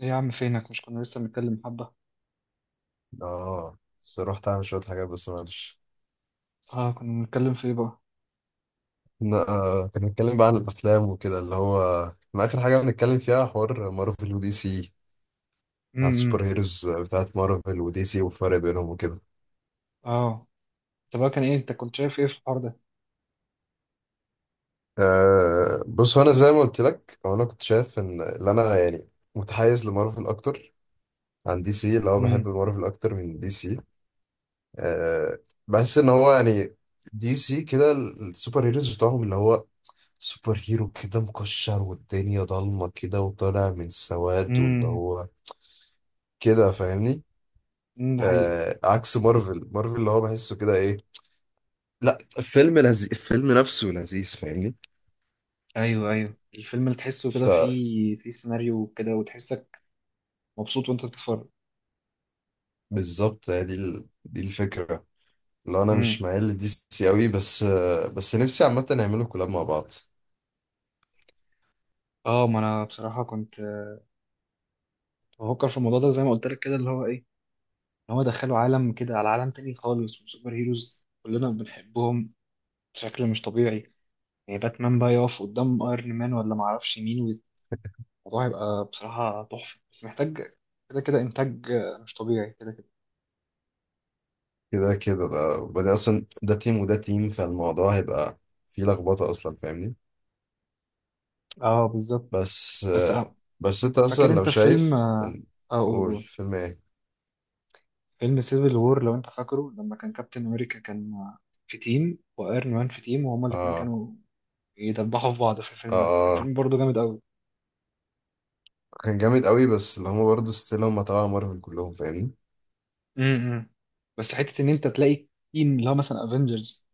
ايه يا عم، فينك؟ مش كنا لسه بنتكلم حبة؟ اه، بس رحت اعمل شوية حاجات بس معلش. اه، كنا بنتكلم في ايه بقى؟ كنا بنتكلم بقى عن الافلام وكده اللي هو ما اخر حاجة بنتكلم فيها حوار مارفل ودي سي، على السوبر امم. هيروز بتاعت مارفل ودي سي والفرق بينهم وكده. اه. طب بقى، كان ايه؟ انت كنت شايف ايه في الحوار ده؟ بص، هو انا زي ما قلت لك هو انا كنت شايف ان اللي انا يعني متحيز لمارفل اكتر عن دي سي، اللي هو بحب امم، مارفل اكتر من دي سي. أه. بحس ان هو يعني دي سي كده السوبر هيروز بتاعهم، اللي هو سوبر هيرو كده مكشر والدنيا ضلمة كده وطالع من السواد، واللي امم، هو كده فاهمني. امم. ده حقيقة. آه، عكس مارفل، مارفل اللي هو بحسه كده ايه، لا الفيلم لذيذ، الفيلم نفسه لذيذ فاهمني. ايوه، ايوه، الفيلم اللي تحسه كده فبالظبط. فيه سيناريو كده وتحسك مبسوط وانت بتتفرج. دي الفكرة. لو انا مش امم. مايل لدي سي قوي، بس بس نفسي عامة يعملوا كولاب مع بعض. اه، ما انا بصراحة كنت بفكر في الموضوع ده زي ما قلت لك، كده اللي هو ايه، ان هو دخله عالم كده على عالم تاني خالص، وسوبر هيروز كلنا بنحبهم بشكل مش طبيعي. يعني باتمان بقى يقف قدام ايرون مان ولا معرفش مين، الموضوع هيبقى بصراحة تحفة، بس محتاج كده كده إنتاج مش طبيعي كده كده. كده كده، ده وبعدين اصلا ده تيم وده تيم، فالموضوع هيبقى فيه لخبطة اصلا فاهمني. اه، بالظبط. بس بس بس انت مثلا فاكر لو أنت فيلم شايف قول قول قول. فيلم ايه. فيلم سيفل وور، لو أنت فاكره، لما كان كابتن أمريكا كان في تيم وأيرون مان في تيم، وهما الاتنين اه. كانوا يدبحوا في بعض. في اه، الفيلم ده كان آه. فيلم برضه جامد أوي. كان جامد قوي، بس اللي هما برضه ستيل هما تبع مارفل كلهم فاهمني. امم. بس حتة إن أنت تلاقي تيم اللي هو مثلا أفينجرز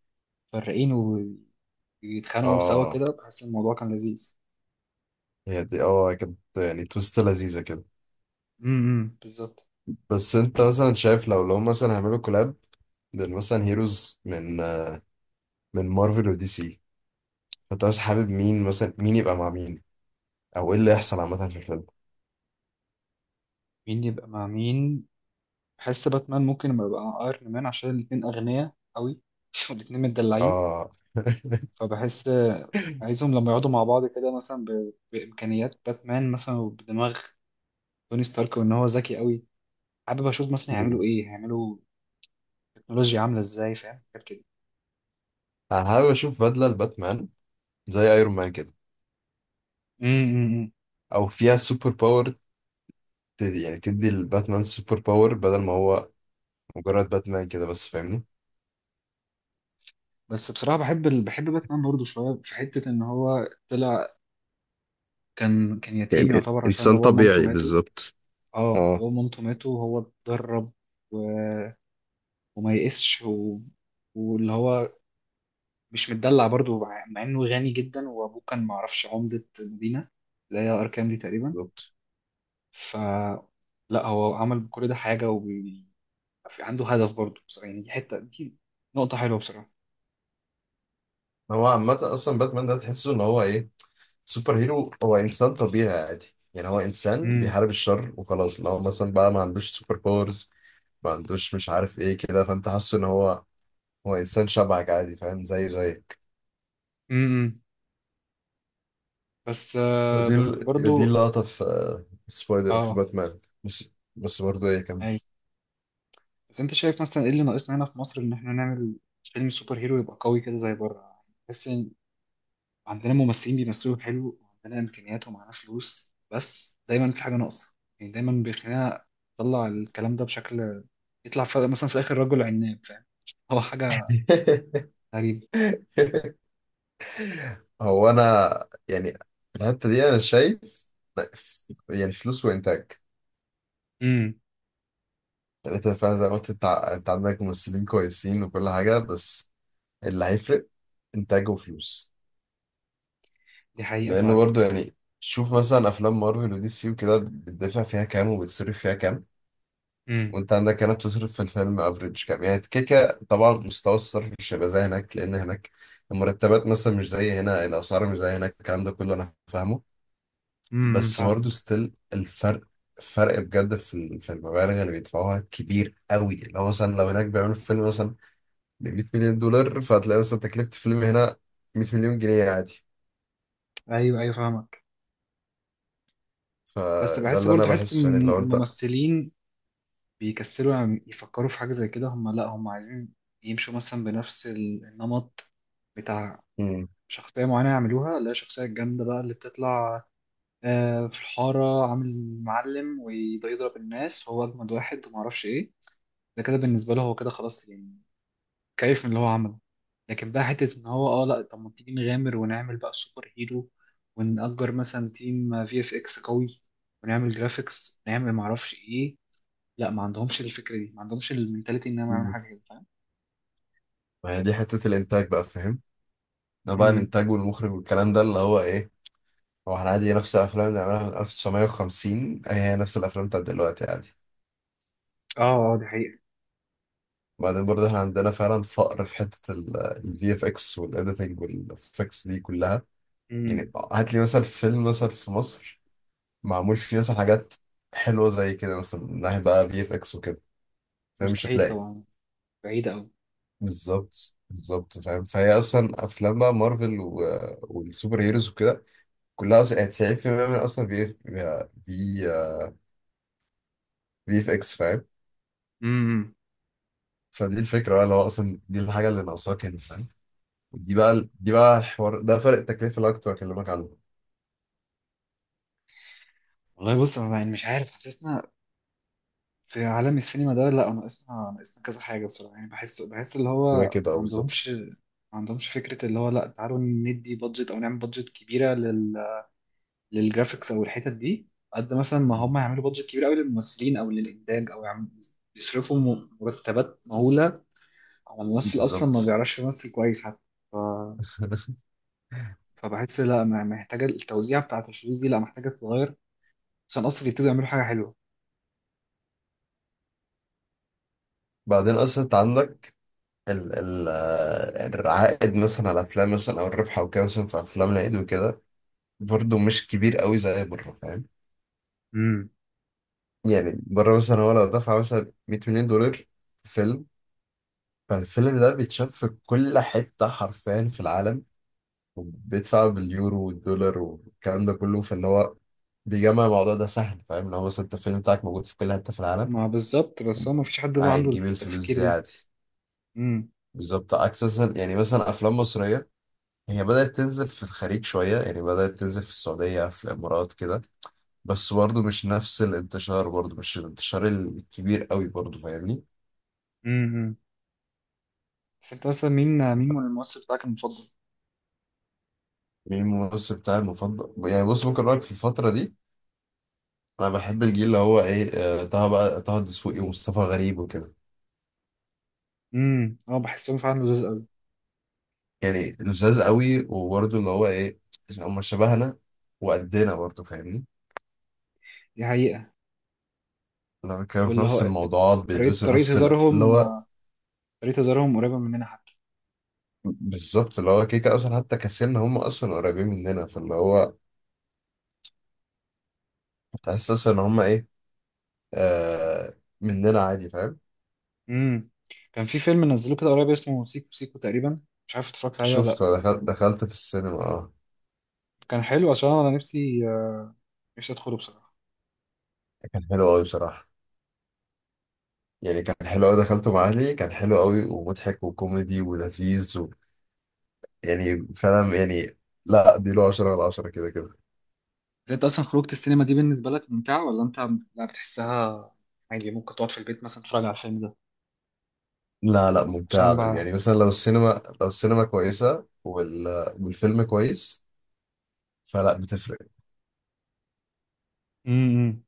فرقين ويتخانقوا سوا اه. كده، بحس الموضوع كان لذيذ. هي دي كانت يعني تويست لذيذة كده. امم، بالظبط. بس انت مثلا شايف لو هما مثلا هيعملوا كولاب بين مثلا هيروز من مارفل ودي سي. فانت مثلا حابب مين، مثلا مين يبقى مع مين، او ايه اللي يحصل عامة في الفيلم. مين يبقى مع مين؟ بحس باتمان ممكن لما يبقى ايرون مان، عشان الاتنين اغنياء قوي والاتنين متدلعين. اه فبحس عايزهم لما يقعدوا مع بعض كده، مثلا بامكانيات باتمان مثلا، وبدماغ توني ستارك، وان هو ذكي قوي. حابب اشوف مثلا مم. هيعملوا ايه، هيعملوا تكنولوجيا عامله ازاي، فاهم، حاجات كده. انا حابب اشوف بدلة لباتمان زي ايرون مان كده، امم. او فيها سوبر باور. يعني تدي الباتمان سوبر باور بدل ما هو مجرد باتمان كده بس فاهمني. بس بصراحه بحب بحب باتمان برضه شويه، في حته ان هو طلع كان يعني يتيم يعتبر، عشان انسان باباه ومامته طبيعي ماتوا. بالظبط. اه، اه باباه ومامته ماتوا وهو اتدرب. و... وما يئسش. واللي هو مش متدلع برضو، مع انه غني جدا، وابوه كان معرفش عمدة مدينة اللي هي اركان دي تقريبا. بالظبط. فلا، هو عمل بكل ده حاجة، وعنده هدف برضو. بس يعني دي حتة، دي نقطة حلوة بصراحة. هو عامة أصلا باتمان ده تحسه إن هو إيه، سوبر هيرو. هو إنسان طبيعي عادي، يعني هو إنسان امم، بيحارب الشر وخلاص. لو مثلا بقى ما عندوش سوبر باورز، ما عندوش مش عارف إيه كده، فأنت حاسه إن هو هو إنسان شبهك عادي فاهم زي زيك. امم. بس بس دي برضو. اللقطة في سبايدر في اه، باتمان، بس. بس برضه إيه، كمل. ايوه. بس انت شايف مثلا ايه اللي ناقصنا هنا في مصر، ان احنا نعمل فيلم سوبر هيرو يبقى قوي كده زي بره؟ بس عندنا ممثلين بيمثلوا حلو، وعندنا امكانيات، ومعانا فلوس، بس دايما في حاجه ناقصه. يعني دايما بيخلينا نطلع الكلام ده بشكل يطلع في مثلا في الاخر رجل عناب، فاهم؟ هو حاجه غريبه. هو انا يعني في الحته دي انا شايف، يعني فلوس وانتاج. امم، يعني انت فعلا زي ما قلت، انت انت عندك ممثلين كويسين وكل حاجه، بس اللي هيفرق انتاج وفلوس. دي حقيقه، لانه فاهم. برضو يعني شوف مثلا افلام مارفل ودي سي وكده بتدفع فيها كام وبتصرف فيها كام، امم، وانت عندك هنا بتصرف في الفيلم افريج كام يعني كيكه. طبعا مستوى الصرف مش هيبقى زي هناك، لان هناك المرتبات مثلا مش زي هنا، الاسعار مش زي هناك، الكلام ده كله انا فاهمه. امم، بس برضه فاهمك. ستيل الفرق، فرق بجد في في المبالغ اللي بيدفعوها كبير قوي. اللي هو مثلا لو هناك بيعملوا فيلم مثلا ب 100 مليون دولار، فهتلاقي مثلا تكلفة الفيلم هنا 100 مليون جنيه عادي. ايوه، ايوه، فاهمك. بس فده بحس اللي انا برضو حته بحسه، يعني لو انت. الممثلين بيكسلوا يعني يفكروا في حاجه زي كده. هم لا، هم عايزين يمشوا مثلا بنفس النمط بتاع مم. شخصيه معينه يعملوها. لا، شخصيه جامده بقى اللي بتطلع في الحارة، عامل معلم وده يضرب الناس وهو أجمد واحد ومعرفش إيه، ده كده بالنسبة له هو كده خلاص، يعني كيف من اللي هو عمله. لكن بقى، حتة إن هو لأ، طب ما تيجي نغامر ونعمل بقى سوبر هيرو، ونأجر مثلا تيم في اف إكس قوي، ونعمل جرافيكس، ونعمل معرفش إيه. لأ، ما عندهمش الفكرة دي، ما عندهمش المنتاليتي إنهم يعملوا مم. حاجة كده، فاهم؟ ما هي دي حتة الانتاج بقى فاهم. ده بقى امم. الانتاج والمخرج والكلام ده اللي هو ايه. هو احنا عادي نفس الافلام اللي عملها من 1950 هي نفس الافلام بتاعت دلوقتي عادي. آه، آه، دي حقيقة. وبعدين برضه احنا عندنا فعلا فقر في حتة الفي اف اكس والاديتنج والافكس دي كلها. يعني امم. هات لي مثلا فيلم مثلا في مصر معمول فيه مثلا حاجات حلوة زي كده، مثلا من ناحية بقى بي اف اكس وكده، فمش مستحيل هتلاقي. طبعا، بعيدة أوي. بالظبط بالظبط فاهم. فهي اصلا افلام بقى مارفل والسوبر هيروز وكده كلها اصلا يعني 90% منها اصلا بي اف اكس فاهم. امم. فدي الفكرة بقى، اللي هو اصلا دي الحاجة اللي ناقصاك هنا فاهم. دي بقى الحوار ده فرق التكلفة اللي أنا كنت بكلمك عنه. والله، بص، أنا يعني مش عارف، حاسسنا في عالم السينما ده، لا، ناقصنا كذا حاجة بصراحة. يعني بحس اللي هو كده ما كده، اه عندهمش بالظبط. ما عندهمش فكرة اللي هو لا، تعالوا ندي بادجت، أو نعمل بادجت كبيرة للجرافيكس أو الحتت دي، قد مثلا ما هم يعملوا بادجت كبيرة أوي للممثلين أو للإنتاج، أو يصرفوا مرتبات مهولة على ممثل أصلا ما بالظبط بيعرفش يمثل كويس حتى. ف... فبحس لا، محتاجة، التوزيع بتاعة الفلوس دي لا محتاجة تتغير، عشان أصلا يبتدوا يعملوا حاجة حلوة. بعدين اصلا انت عندك ال ال آه، العائد مثلا على افلام مثلا او الربح او كده، مثلا في افلام العيد وكده برضه مش كبير قوي زي بره فاهم. امم. يعني بره مثلا هو لو دفع مثلا 100 مليون دولار في فيلم، فالفيلم ده بيتشاف في كل حته حرفيا في العالم، بيدفع باليورو والدولار والكلام ده كله. فاللي هو بيجمع الموضوع ده سهل فاهم. لو مثلا انت الفيلم بتاعك موجود في كل حته في العالم، ما بالظبط، بس هو ما فيش حد بقى عنده هتجيب الفلوس التفكير دي عادي. ده. بالظبط، عكس مثلا يعني مثلا افلام مصريه هي بدأت تنزل في الخليج شوية، يعني بدأت تنزل في السعودية في الإمارات كده، بس برضه مش نفس الانتشار، برضه مش الانتشار الكبير قوي برضه فاهمني. امم. بس انت مثلا مين من الممثل بتاعك المفضل؟ مين الممثل بتاعي المفضل؟ يعني بص ممكن أقولك، في الفترة دي أنا بحب الجيل اللي هو إيه، طه بقى طه الدسوقي ومصطفى غريب وكده. امم، اه، بحسهم فعلا لذيذ قوي. يعني لذاذ قوي، وبرضه اللي هو إيه، هما شبهنا وقدنا برضه فاهمني. دي حقيقة. لما كانوا في واللي نفس هو الموضوعات طريقة بيلبسوا طريقة نفس اللي هزارهم هو طريقة هزارهم قريبة مننا حتى. بالظبط، اللي هو كيكة أصلا حتى، كسلنا هم أصلا قريبين مننا. فاللي هو تحسس ان هما ايه، آه، مننا عادي فاهم. امم. كان في فيلم نزلوه كده قريب اسمه سيكو سيكو تقريبا، مش عارف اتفرجت عليه ولا شفت، لا. دخلت في السينما اه. كان حلو، عشان انا نفسي نفسي ادخله بصراحة. كان حلو قوي بصراحه. يعني كان حلو قوي، دخلته مع اهلي، كان حلو قوي ومضحك وكوميدي ولذيذ يعني فعلا يعني. لا دي له 10 على 10 كده كده. بس انت اصلا خروجة السينما دي بالنسبة لك ممتعة، ولا انت لا بتحسها عادي، ممكن تقعد في البيت مثلا تتفرج على الفيلم ده؟ لا لا عشان ممتع. بقى. يعني مثلا لو السينما كويسه والفيلم كويس، فلا بتفرق. امم.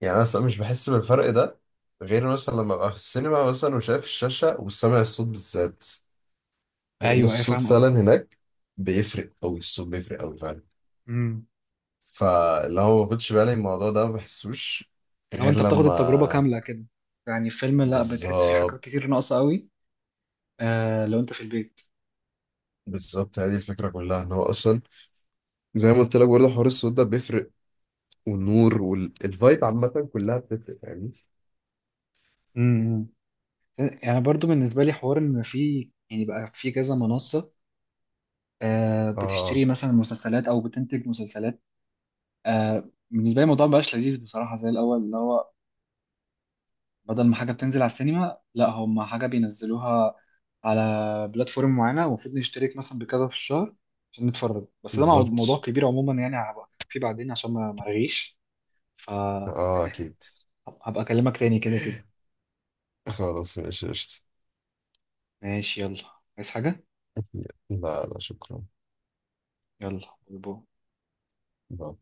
يعني انا أصلاً مش بحس بالفرق ده، غير مثلا لما ابقى في السينما مثلا وشايف الشاشه وسامع الصوت بالذات، لان ايوه، ايوه، الصوت فاهم. فعلا هناك بيفرق قوي. الصوت بيفرق قوي فعلا. قصدي فاللي هو ما باخدش بالي من الموضوع ده ما بحسوش، لو غير انت بتاخد التجربة لما. كاملة كده، يعني الفيلم، لا بتحس فيه بالظبط حاجات كتير ناقصة قوي آه لو انت في البيت. بالظبط. هذه الفكره كلها ان هو اصلا زي ما قلت لك برضه حوار الصوت ده بيفرق، والنور والفايب عامه كلها بتفرق يعني. امم. يعني برضو بالنسبة لي حوار ان في يعني بقى في كذا منصة آه بتشتري اه مثلا مسلسلات او بتنتج مسلسلات. آه بالنسبة لي الموضوع مبقاش لذيذ بصراحة زي الاول، اللي هو بدل ما حاجة بتنزل على السينما، لا هم حاجة بينزلوها على بلاتفورم معينة، المفروض نشترك مثلا بكذا في الشهر عشان نتفرج. بس ده موضوع بالظبط. كبير عموما، يعني هبقى فيه بعدين عشان ما مرغيش. ف، اه اكيد. هبقى اكلمك تاني كده كده. خلاص ماشي قشطة. ماشي، يلا. عايز حاجة؟ لا لا شكرا. يلا، باي باي. باي.